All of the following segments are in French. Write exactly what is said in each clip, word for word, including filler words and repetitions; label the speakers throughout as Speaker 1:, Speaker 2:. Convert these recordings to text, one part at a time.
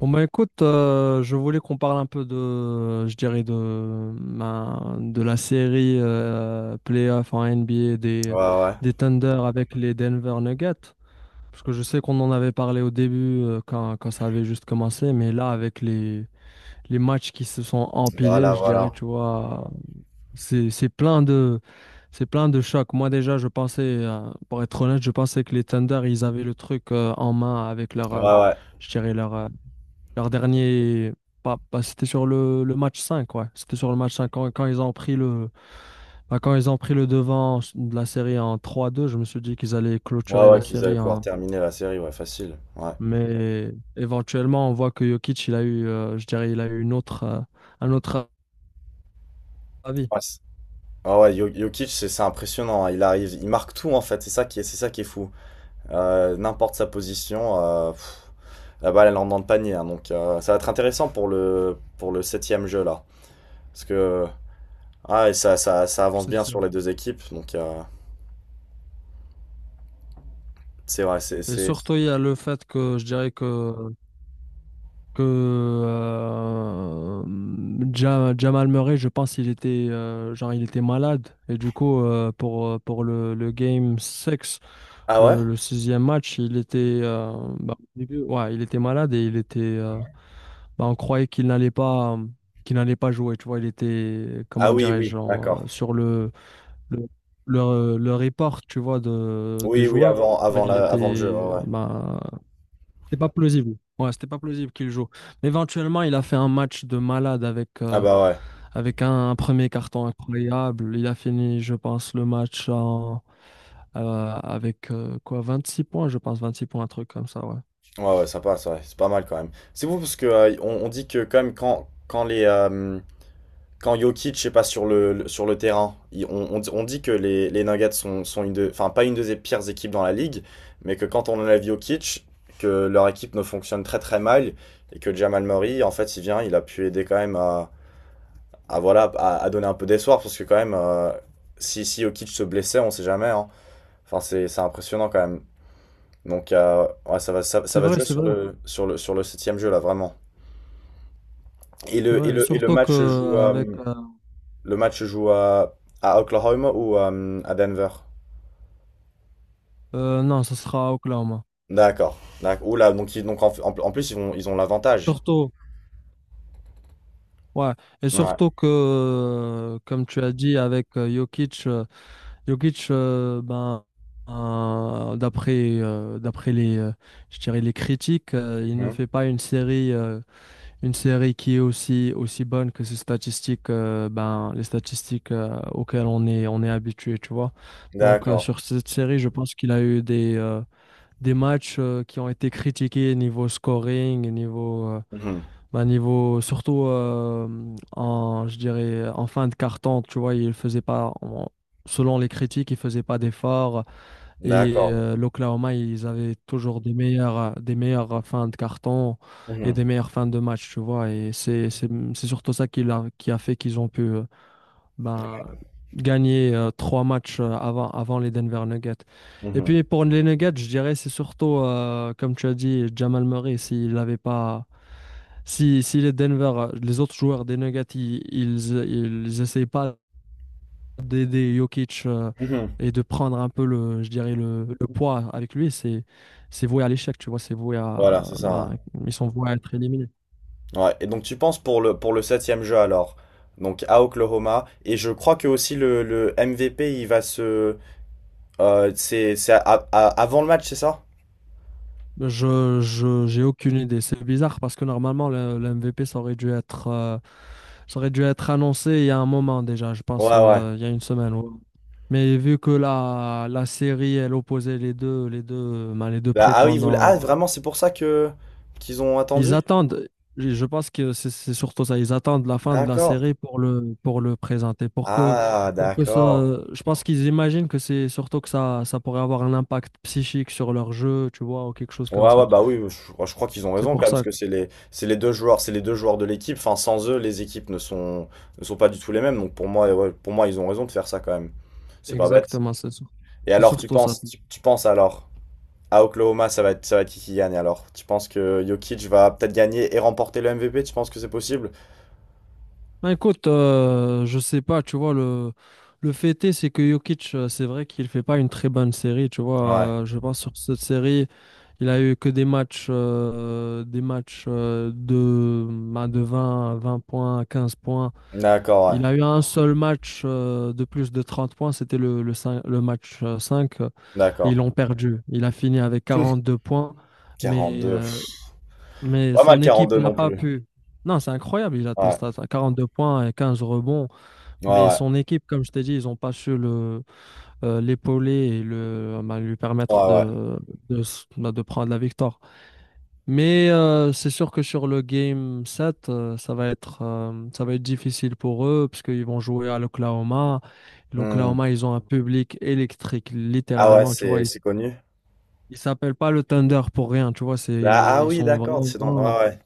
Speaker 1: Bon bah écoute, euh, je voulais qu'on parle un peu de, je dirais de, ben, de la série euh, playoff en N B A des,
Speaker 2: Ouais, ouais.
Speaker 1: des Thunder avec les Denver Nuggets. Parce que je sais qu'on en avait parlé au début, euh, quand, quand ça avait juste commencé, mais là avec les, les matchs qui se sont empilés,
Speaker 2: Voilà,
Speaker 1: je dirais,
Speaker 2: voilà.
Speaker 1: tu vois, c'est, c'est plein de, c'est plein de chocs. Moi déjà, je pensais, euh, pour être honnête, je pensais que les Thunder, ils avaient le truc euh, en main avec leur,
Speaker 2: Ouais,
Speaker 1: euh,
Speaker 2: ouais.
Speaker 1: je dirais, leur, euh, leur dernier, pas, pas- c'était sur le, le match cinq, ouais. C'était sur le match cinq Quand, quand ils ont pris le, bah, quand ils ont pris le devant de la série en trois deux, je me suis dit qu'ils allaient
Speaker 2: Ouais,
Speaker 1: clôturer la
Speaker 2: ouais, qu'ils allaient
Speaker 1: série
Speaker 2: pouvoir
Speaker 1: en...
Speaker 2: terminer la série, ouais, facile. Ouais.
Speaker 1: Mais éventuellement, on voit que Jokic, il a eu, euh, je dirais, il a eu une autre, euh, un autre avis.
Speaker 2: Ouais, c'est- ouais, ouais, Jo- Jokic, c'est c'est impressionnant, hein. Il arrive, il marque tout, en fait. C'est ça qui est, c'est ça qui est fou. Euh, n'importe sa position, euh, pff, la balle, elle entre dans le panier, hein. Donc, euh, ça va être intéressant pour le, pour le septième jeu, là. Parce que, ah, et ça, ça, ça avance
Speaker 1: C'est
Speaker 2: bien
Speaker 1: sûr.
Speaker 2: sur les deux équipes. Donc, euh, c'est vrai, c'est,
Speaker 1: Et
Speaker 2: c'est...
Speaker 1: surtout, il y a le fait que je dirais que que euh, Ja- Jamal Murray, je pense il était, euh, genre il était malade, et du coup euh, pour euh, pour le, le game six,
Speaker 2: Ah ouais?
Speaker 1: le, le sixième match, il était, euh, bah, au début, ouais, il était malade et il était, euh, bah, on croyait qu'il n'allait pas, qu'il n'allait pas jouer, tu vois, il était, comment
Speaker 2: Ah oui,
Speaker 1: dirais-je,
Speaker 2: oui,
Speaker 1: genre,
Speaker 2: d'accord.
Speaker 1: euh, sur le le, le le report, tu vois, de des
Speaker 2: Oui, oui,
Speaker 1: joueurs,
Speaker 2: avant, avant
Speaker 1: il
Speaker 2: la,
Speaker 1: était,
Speaker 2: avant le jeu, ouais,
Speaker 1: euh,
Speaker 2: ouais.
Speaker 1: bah, c'était pas plausible. Ouais, c'était pas plausible qu'il joue. Mais éventuellement, il a fait un match de malade avec,
Speaker 2: Ah
Speaker 1: euh,
Speaker 2: bah ouais.
Speaker 1: avec un, un premier carton incroyable. Il a fini, je pense, le match en, euh, avec euh, quoi, vingt-six points, je pense, vingt-six points, un truc comme ça, ouais.
Speaker 2: Ouais, ouais, sympa, c'est vrai, c'est pas mal quand même. C'est vous parce que euh, on, on dit que quand même quand quand les euh, quand Jokic est pas sur le, le- sur le terrain, il- on, on dit on dit que les, les Nuggets sont, sont une de, enfin pas une des pires équipes dans la ligue, mais que quand on enlève Jokic, que leur équipe ne fonctionne très très mal et que Jamal Murray, en fait, il vient, il a pu aider quand même à, à voilà, à, à donner un peu d'espoir parce que quand même euh, si si Jokic se blessait, on sait jamais, hein. Enfin c'est c'est impressionnant quand même. Donc euh, ouais, ça va, ça, ça
Speaker 1: C'est
Speaker 2: va se
Speaker 1: vrai,
Speaker 2: jouer
Speaker 1: c'est
Speaker 2: sur
Speaker 1: vrai,
Speaker 2: le, sur le, sur le septième jeu là, vraiment. Et
Speaker 1: c'est
Speaker 2: le, et
Speaker 1: vrai. Et
Speaker 2: le, et le
Speaker 1: surtout que
Speaker 2: match se joue,
Speaker 1: euh,
Speaker 2: à-
Speaker 1: avec euh,
Speaker 2: le match se joue à, à Oklahoma ou euh, à Denver?
Speaker 1: euh, non, ce sera à Oklahoma.
Speaker 2: D'accord. D'accord. Oula, donc, ils- donc en, en- en plus ils ont, ils ont l'avantage.
Speaker 1: Surtout, ouais. Et
Speaker 2: Ouais.
Speaker 1: surtout que, euh, comme tu as dit, avec euh, Jokic. euh, Jokic, euh, ben, euh, d'après euh, d'après les, euh, je dirais, les critiques, euh, il ne
Speaker 2: Mhm.
Speaker 1: fait pas une série, euh, une série qui est aussi, aussi bonne que ses statistiques, euh, ben, les statistiques euh, auxquelles on est, on est habitué, tu vois. Donc, euh,
Speaker 2: D'accord.
Speaker 1: sur cette série, je pense qu'il a eu des, euh, des matchs euh, qui ont été critiqués niveau scoring, niveau, euh,
Speaker 2: Mhm.
Speaker 1: bah, niveau, surtout, euh, en, je dirais, en fin de carton, tu vois, il faisait pas, on- selon les critiques, il faisait pas d'efforts. Et
Speaker 2: D'accord.
Speaker 1: euh, l'Oklahoma, ils avaient toujours des meilleures, des meilleures fins de carton et
Speaker 2: Mhm.
Speaker 1: des meilleures fins de match, tu vois. Et c'est, c'est, c'est surtout ça qui a, qui a fait qu'ils ont pu, euh, ben, gagner euh, trois matchs, euh, avant, avant les Denver Nuggets. Et
Speaker 2: Mhm.
Speaker 1: puis pour les Nuggets, je dirais, c'est surtout, euh, comme tu as dit, Jamal Murray, s'il n'avait pas, si, si les Denver, euh, les autres joueurs des Nuggets, ils, ils, ils essayent pas d'aider Jokic, euh,
Speaker 2: Mhm.
Speaker 1: et de prendre un peu le, je dirais le, le poids avec lui, c'est c'est voué à l'échec, tu vois, c'est voué
Speaker 2: Voilà,
Speaker 1: à,
Speaker 2: c'est
Speaker 1: ben,
Speaker 2: ça.
Speaker 1: ils sont voués à être éliminés.
Speaker 2: Ouais. Et donc tu penses pour le, pour le septième jeu alors, donc à Oklahoma, et je crois que aussi le, le M V P il va se, euh, c'est, c'est à- à- avant le match, c'est ça?
Speaker 1: Je, je, j'ai aucune idée. C'est bizarre parce que normalement le, le M V P, ça aurait dû être, euh, ça aurait dû être annoncé il y a un moment déjà, je pense,
Speaker 2: Ouais, ouais.
Speaker 1: euh, il y a une semaine, ouais. Mais vu que la, la série elle opposait les deux, les deux, ben, les deux
Speaker 2: Bah, ah oui, vous. Ah,
Speaker 1: prétendants.
Speaker 2: vraiment, c'est pour ça que qu'ils ont
Speaker 1: Ils
Speaker 2: attendu?
Speaker 1: attendent, je je pense que c'est c'est surtout ça, ils attendent la fin de la
Speaker 2: D'accord.
Speaker 1: série pour le, pour le présenter, pour que,
Speaker 2: Ah,
Speaker 1: pour que ça,
Speaker 2: d'accord.
Speaker 1: je pense qu'ils imaginent que c'est surtout que ça, ça pourrait avoir un impact psychique sur leur jeu, tu vois, ou quelque chose comme
Speaker 2: Ouais, ouais,
Speaker 1: ça.
Speaker 2: bah oui, je, crois je crois qu'ils ont
Speaker 1: C'est
Speaker 2: raison quand
Speaker 1: pour
Speaker 2: même, parce
Speaker 1: ça,
Speaker 2: que c'est les, c'est les deux joueurs, c'est les deux joueurs de l'équipe. Enfin, sans eux, les équipes ne sont, ne sont pas du tout les mêmes. Donc pour moi, ouais, pour moi, ils ont raison de faire ça quand même. C'est pas bête.
Speaker 1: exactement, c'est sur-
Speaker 2: Et
Speaker 1: c'est
Speaker 2: alors, tu
Speaker 1: surtout ça.
Speaker 2: penses, tu, tu penses alors, à Oklahoma, ça va être, ça va être qui qui gagne alors? Tu penses que Jokic va peut-être gagner et remporter le M V P? Tu penses que c'est possible?
Speaker 1: Ben écoute, euh, je sais pas, tu vois, le, le fait est, c'est que Jokic, euh, c'est vrai qu'il fait pas une très bonne série, tu
Speaker 2: Ouais.
Speaker 1: vois. euh, je pense sur cette série, il a eu que des matchs, euh, des matchs euh, de, ben, de vingt, vingt points, quinze points.
Speaker 2: D'accord, ouais.
Speaker 1: Il a eu un seul match, euh, de plus de trente points, c'était le, le, cin- le match, euh, cinq, euh, et
Speaker 2: D'accord.
Speaker 1: ils l'ont perdu. Il a fini avec quarante-deux points, mais,
Speaker 2: quarante-deux.
Speaker 1: euh, mais
Speaker 2: Pas mal
Speaker 1: son équipe
Speaker 2: quarante-deux
Speaker 1: n'a
Speaker 2: non
Speaker 1: pas
Speaker 2: plus.
Speaker 1: pu. Non, c'est incroyable, il a tes
Speaker 2: Ouais.
Speaker 1: stats, hein, quarante-deux points et quinze rebonds.
Speaker 2: Ouais,
Speaker 1: Mais
Speaker 2: ouais.
Speaker 1: son équipe, comme je t'ai dit, ils n'ont pas su le euh, l'épauler et le, bah, lui permettre
Speaker 2: Ouais, ouais.
Speaker 1: de, de, s- bah, de prendre la victoire. Mais euh, c'est sûr que sur le game sept, euh, ça va être, euh, ça va être difficile pour eux parce qu'ils vont jouer à l'Oklahoma.
Speaker 2: Hmm.
Speaker 1: L'Oklahoma, ils ont un public électrique,
Speaker 2: Ah ouais,
Speaker 1: littéralement. Tu vois,
Speaker 2: c'est
Speaker 1: ils
Speaker 2: c'est connu.
Speaker 1: ne s'appellent pas le Thunder pour rien. Tu vois,
Speaker 2: Ah,
Speaker 1: c'est,
Speaker 2: ah
Speaker 1: ils
Speaker 2: oui,
Speaker 1: sont
Speaker 2: d'accord, c'est dans.
Speaker 1: vraiment,
Speaker 2: Ouais, ouais.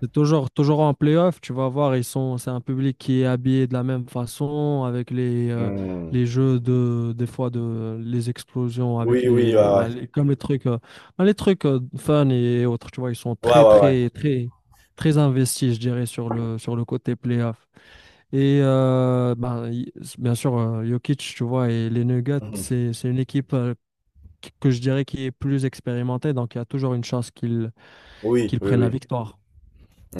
Speaker 1: c'est toujours, toujours en playoff, tu vas voir, ils sont, c'est un public qui est habillé de la même façon, avec les, euh,
Speaker 2: Hmm.
Speaker 1: les jeux de, des fois de, les explosions, avec
Speaker 2: Oui, oui,
Speaker 1: les,
Speaker 2: ouais,
Speaker 1: euh,
Speaker 2: ouais.
Speaker 1: bah, les- comme les trucs, euh, bah, les trucs, euh, fun et autres, tu vois, ils sont
Speaker 2: Ouais,
Speaker 1: très,
Speaker 2: ouais, ouais.
Speaker 1: très, très, très investis, je dirais, sur le, sur le côté playoff. Et euh, bah, y- bien sûr, euh, Jokic, tu vois, et les Nuggets,
Speaker 2: Mhm.
Speaker 1: c'est, c'est une équipe, euh, qui- que je dirais qui est plus expérimentée, donc il y a toujours une chance qu'ils
Speaker 2: Oui,
Speaker 1: qu'ils
Speaker 2: oui,
Speaker 1: prennent la
Speaker 2: oui.
Speaker 1: victoire.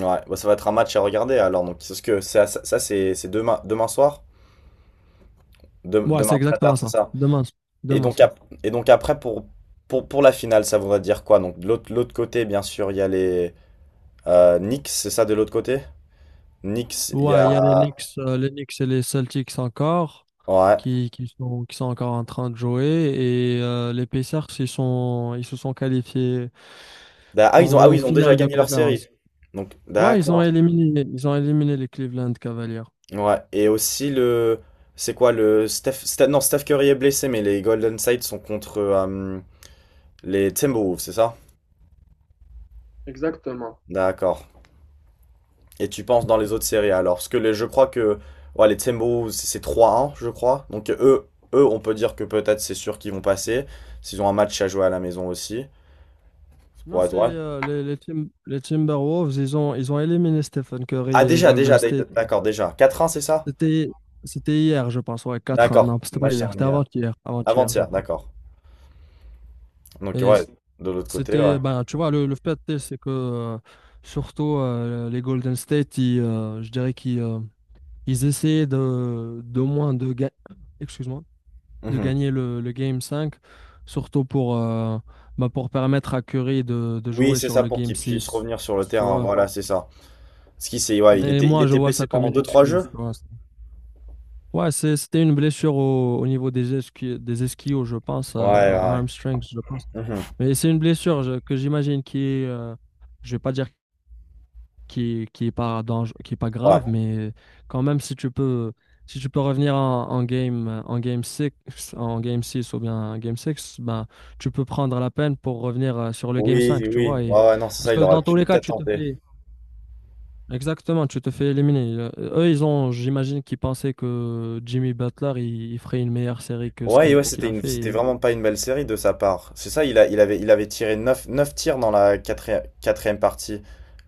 Speaker 2: Ouais, bah, ça va être un match à regarder alors. Donc, c'est ce que ça, ça, ça, c'est c'est demain, demain soir? Dem-
Speaker 1: Ouais, c'est
Speaker 2: demain très tard,
Speaker 1: exactement
Speaker 2: c'est
Speaker 1: ça.
Speaker 2: ça.
Speaker 1: Demain, ça.
Speaker 2: Et
Speaker 1: Demain,
Speaker 2: donc,
Speaker 1: ça.
Speaker 2: ap- et donc après, pour, pour, pour la finale, ça voudrait dire quoi? Donc, de l'autre l'autre côté, bien sûr, il y a les euh, Knicks, c'est ça de l'autre côté? Knicks, il y
Speaker 1: Ouais, il
Speaker 2: a.
Speaker 1: y a les Knicks, euh, les Knicks et les Celtics encore,
Speaker 2: Ouais.
Speaker 1: qui, qui sont, qui sont encore en train de jouer. Et euh, les Pacers, ils sont, ils se sont qualifiés
Speaker 2: D'a- Ah, ils ont, ah oui,
Speaker 1: en
Speaker 2: ils ont déjà
Speaker 1: finale de
Speaker 2: gagné leur
Speaker 1: conférence.
Speaker 2: série. Donc,
Speaker 1: Ouais, ils ont
Speaker 2: d'accord.
Speaker 1: éliminé, ils ont éliminé les Cleveland Cavaliers.
Speaker 2: Ouais. Et aussi le. C'est quoi le. Steph... Steph- Non, Steph Curry est blessé, mais les Golden State sont contre euh, les Timberwolves, c'est ça?
Speaker 1: Exactement.
Speaker 2: D'accord. Et tu penses dans les autres séries alors? Parce que les- je crois que. Ouais, les Timberwolves, c'est trois un je crois. Donc, eux, eux, on peut dire que peut-être c'est sûr qu'ils vont passer. S'ils ont un match à jouer à la maison aussi. Ça
Speaker 1: Non,
Speaker 2: pourrait
Speaker 1: c'est
Speaker 2: être vrai.
Speaker 1: euh, les, les, Tim- les Timberwolves, ils ont, ils ont éliminé Stephen
Speaker 2: Ah,
Speaker 1: Curry et
Speaker 2: déjà, déjà,
Speaker 1: Golden State.
Speaker 2: d'ac- d'accord, déjà. Quatre un, c'est ça?
Speaker 1: C'était, c'était hier, je pense, ouais, quatre un.
Speaker 2: D'accord.
Speaker 1: Non, c'était pas
Speaker 2: Match
Speaker 1: hier,
Speaker 2: terminé
Speaker 1: c'était
Speaker 2: hier.
Speaker 1: avant-hier, avant-hier, je
Speaker 2: Avant-hier,
Speaker 1: pense.
Speaker 2: d'accord. Donc
Speaker 1: Et
Speaker 2: ouais, de l'autre côté, ouais.
Speaker 1: c'était, ben, tu vois, le, le fait, c'est que, euh, surtout euh, les Golden State, ils, euh, je dirais qu'ils, euh, ils essayaient de, de moins de, ga- excuse-moi, de
Speaker 2: Mhm.
Speaker 1: gagner le, le Game cinq, surtout pour, euh, ben, pour permettre à Curry de, de
Speaker 2: Oui,
Speaker 1: jouer
Speaker 2: c'est
Speaker 1: sur
Speaker 2: ça
Speaker 1: le
Speaker 2: pour
Speaker 1: Game
Speaker 2: qu'il puisse
Speaker 1: six
Speaker 2: revenir sur le
Speaker 1: tu
Speaker 2: terrain,
Speaker 1: vois.
Speaker 2: voilà, c'est ça. Ce qui c'est, ouais, il
Speaker 1: Mais
Speaker 2: était, il
Speaker 1: moi, je
Speaker 2: était
Speaker 1: vois ça
Speaker 2: blessé
Speaker 1: comme
Speaker 2: pendant
Speaker 1: une
Speaker 2: deux trois
Speaker 1: excuse,
Speaker 2: jeux?
Speaker 1: tu vois. Ouais, c'est- c'était une blessure au, au niveau des esqui- des ischios, je pense, euh,
Speaker 2: Ouais,
Speaker 1: à, à
Speaker 2: ouais.
Speaker 1: hamstrings, je pense.
Speaker 2: Mhm.
Speaker 1: Mais c'est une blessure je- que j'imagine qui est, euh, je vais pas dire qui, qui est pas dangereux, qui est pas grave,
Speaker 2: Ouais.
Speaker 1: mais quand même, si tu peux, si tu peux revenir en, en game, euh, en game six en game six ou bien en game six, ben, tu peux prendre la peine pour revenir, euh, sur le game
Speaker 2: Oui,
Speaker 1: cinq tu
Speaker 2: oui.
Speaker 1: vois. Et
Speaker 2: Ouais, ouais, non, c'est
Speaker 1: parce
Speaker 2: ça,
Speaker 1: que
Speaker 2: il aurait
Speaker 1: dans tous
Speaker 2: pu
Speaker 1: les cas,
Speaker 2: peut-être
Speaker 1: tu te
Speaker 2: tenter.
Speaker 1: fais, exactement, tu te fais éliminer. Euh, Eux, ils ont, j'imagine qu'ils pensaient que Jimmy Butler, il, il ferait une meilleure série que ce
Speaker 2: Ouais, et ouais,
Speaker 1: qu'il ce qu'il
Speaker 2: c'était
Speaker 1: a
Speaker 2: une,
Speaker 1: fait.
Speaker 2: c'était
Speaker 1: et-
Speaker 2: vraiment pas une belle série de sa part. C'est ça, il a, il avait, il avait tiré neuf neuf tirs dans la quatrième, quatrième partie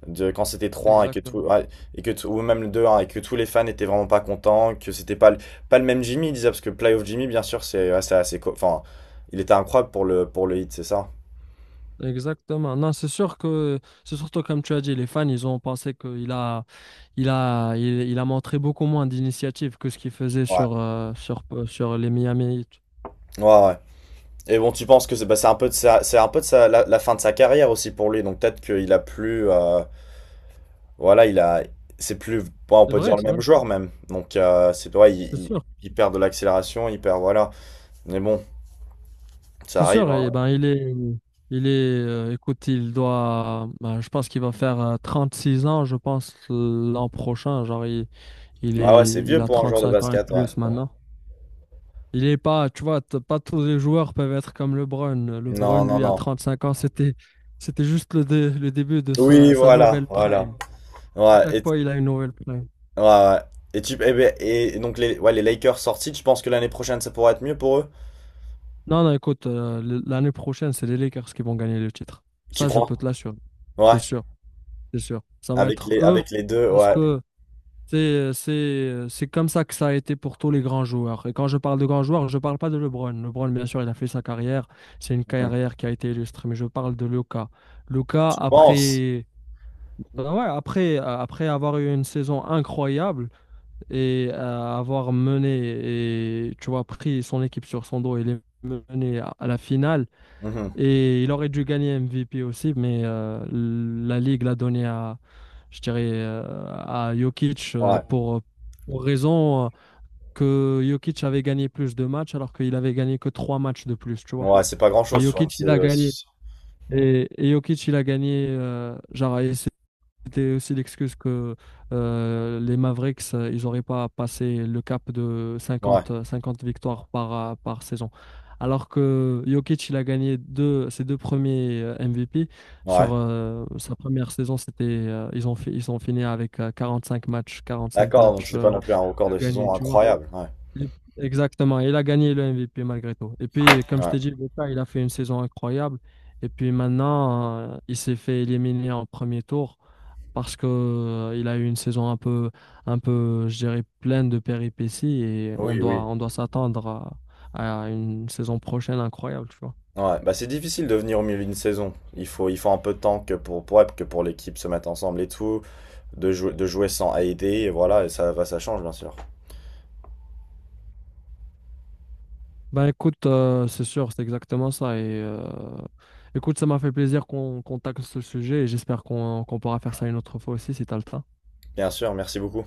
Speaker 2: de quand c'était trois un et que tout,
Speaker 1: Exactement.
Speaker 2: ouais, et que tout- ou même le deux à un et que tous les fans étaient vraiment pas contents, que c'était pas, le- pas le même Jimmy, il disait, parce que Playoff Jimmy, bien sûr, c'est, ouais, c'est assez, co- enfin, il était incroyable pour le, pour le hit, c'est ça?
Speaker 1: Exactement. Non, c'est sûr que, c'est surtout comme tu as dit, les fans, ils ont pensé qu'il a, il a, il, il a montré beaucoup moins d'initiative que ce qu'il faisait
Speaker 2: Ouais.
Speaker 1: sur, euh, sur, euh, sur les Miami Heat.
Speaker 2: Ouais, ouais. Et bon, tu penses que c'est, bah, c'est un peu de sa, c'est un peu de sa, la, la fin de sa carrière aussi pour lui, donc peut-être qu'il a plus, euh, voilà, il a, c'est plus, bon, on
Speaker 1: C'est
Speaker 2: peut
Speaker 1: vrai,
Speaker 2: dire le
Speaker 1: c'est vrai,
Speaker 2: même joueur même. Donc euh, c'est, ouais, il,
Speaker 1: c'est
Speaker 2: il-
Speaker 1: sûr.
Speaker 2: il perd de l'accélération, il perd, voilà. Mais bon, ça
Speaker 1: C'est
Speaker 2: arrive,
Speaker 1: sûr, et
Speaker 2: hein.
Speaker 1: ben, il est, il est, euh, écoute, il doit, ben, je pense qu'il va faire, euh, six ans, je pense, l'an prochain. Genre, il, il
Speaker 2: Ah ouais,
Speaker 1: est,
Speaker 2: c'est
Speaker 1: il
Speaker 2: vieux
Speaker 1: a
Speaker 2: pour un joueur de
Speaker 1: trente-cinq ans et
Speaker 2: basket, ouais.
Speaker 1: plus maintenant. Il est pas, tu vois, t- pas tous les joueurs peuvent être comme LeBron. LeBron,
Speaker 2: Non, non,
Speaker 1: lui, à
Speaker 2: non.
Speaker 1: cinq ans, c'était, c'était juste le, dé- le début de sa,
Speaker 2: Oui,
Speaker 1: sa
Speaker 2: voilà,
Speaker 1: nouvelle
Speaker 2: voilà.
Speaker 1: prime. Chaque
Speaker 2: Ouais, et,
Speaker 1: fois, il a une nouvelle prime.
Speaker 2: ouais, ouais. Et tu, eh ben, et donc les, ouais, les Lakers sortis, tu penses que l'année prochaine ça pourrait être mieux pour eux?
Speaker 1: Non, non, écoute, euh, l- l'année prochaine, c'est les Lakers qui vont gagner le titre.
Speaker 2: Tu
Speaker 1: Ça, je
Speaker 2: crois?
Speaker 1: peux te l'assurer.
Speaker 2: Ouais,
Speaker 1: C'est sûr, c'est sûr. Ça va
Speaker 2: avec
Speaker 1: être
Speaker 2: les,
Speaker 1: eux
Speaker 2: avec les deux,
Speaker 1: parce
Speaker 2: ouais.
Speaker 1: que c'est, c'est, c'est comme ça que ça a été pour tous les grands joueurs. Et quand je parle de grands joueurs, je parle pas de LeBron. LeBron, bien sûr, il a fait sa carrière. C'est une
Speaker 2: Mhm.
Speaker 1: carrière qui a été illustre. Mais je parle de Luka. Luka,
Speaker 2: Tu penses?
Speaker 1: après. Ben ouais, après, euh, après avoir eu une saison incroyable et, euh, avoir mené et, tu vois, pris son équipe sur son dos, il est mené à, à la finale,
Speaker 2: Mhm.
Speaker 1: et il aurait dû gagner M V P aussi, mais euh, la Ligue l'a donné à, je dirais, euh, à Jokic, euh,
Speaker 2: Ouais,
Speaker 1: pour, pour raison, euh, que Jokic avait gagné plus de matchs, alors qu'il avait gagné que trois matchs de plus, tu vois.
Speaker 2: ouais, c'est pas
Speaker 1: Et
Speaker 2: grand-chose sur une,
Speaker 1: Jokic,
Speaker 2: c'est,
Speaker 1: il a gagné. Et, et Jokic, il a gagné, euh, genre, et c'était aussi l'excuse que, euh, les Mavericks, euh, ils n'auraient pas passé le cap de
Speaker 2: ouais,
Speaker 1: cinquante euh, cinquante victoires par, euh, par saison. Alors que Jokic, il a gagné deux, ses deux premiers, euh, M V P. Sur,
Speaker 2: ouais.
Speaker 1: euh, sa première saison, c'était, euh, ils ont, fi- ils ont fini avec, euh, cinq matchs, quarante-cinq
Speaker 2: D'accord, donc
Speaker 1: matchs,
Speaker 2: c'était pas
Speaker 1: euh,
Speaker 2: non plus un record
Speaker 1: de
Speaker 2: de
Speaker 1: gagnés,
Speaker 2: saison
Speaker 1: tu vois.
Speaker 2: incroyable. Ouais,
Speaker 1: Exactement, il a gagné le M V P malgré tout. Et puis, comme je t'ai
Speaker 2: ouais.
Speaker 1: dit, Luka, il a fait une saison incroyable. Et puis maintenant, euh, il s'est fait éliminer en premier tour, parce que, euh, il a eu une saison un peu, un peu, je dirais, pleine de péripéties, et on
Speaker 2: Oui,
Speaker 1: doit,
Speaker 2: oui.
Speaker 1: on doit s'attendre à, à une saison prochaine incroyable, tu vois.
Speaker 2: Ouais, bah c'est difficile de venir au milieu d'une saison. Il faut, il faut un peu de temps que pour, pour, ouais, que pour l'équipe se mette ensemble et tout, de jouer, de jouer sans aider, et voilà, et ça, va ça change bien sûr.
Speaker 1: Ben écoute, euh, c'est sûr, c'est exactement ça. Et euh, écoute, ça m'a fait plaisir qu'on qu'on tacle ce sujet, et j'espère qu'on qu'on pourra faire ça une autre fois aussi, si t'as le temps.
Speaker 2: Bien sûr, merci beaucoup.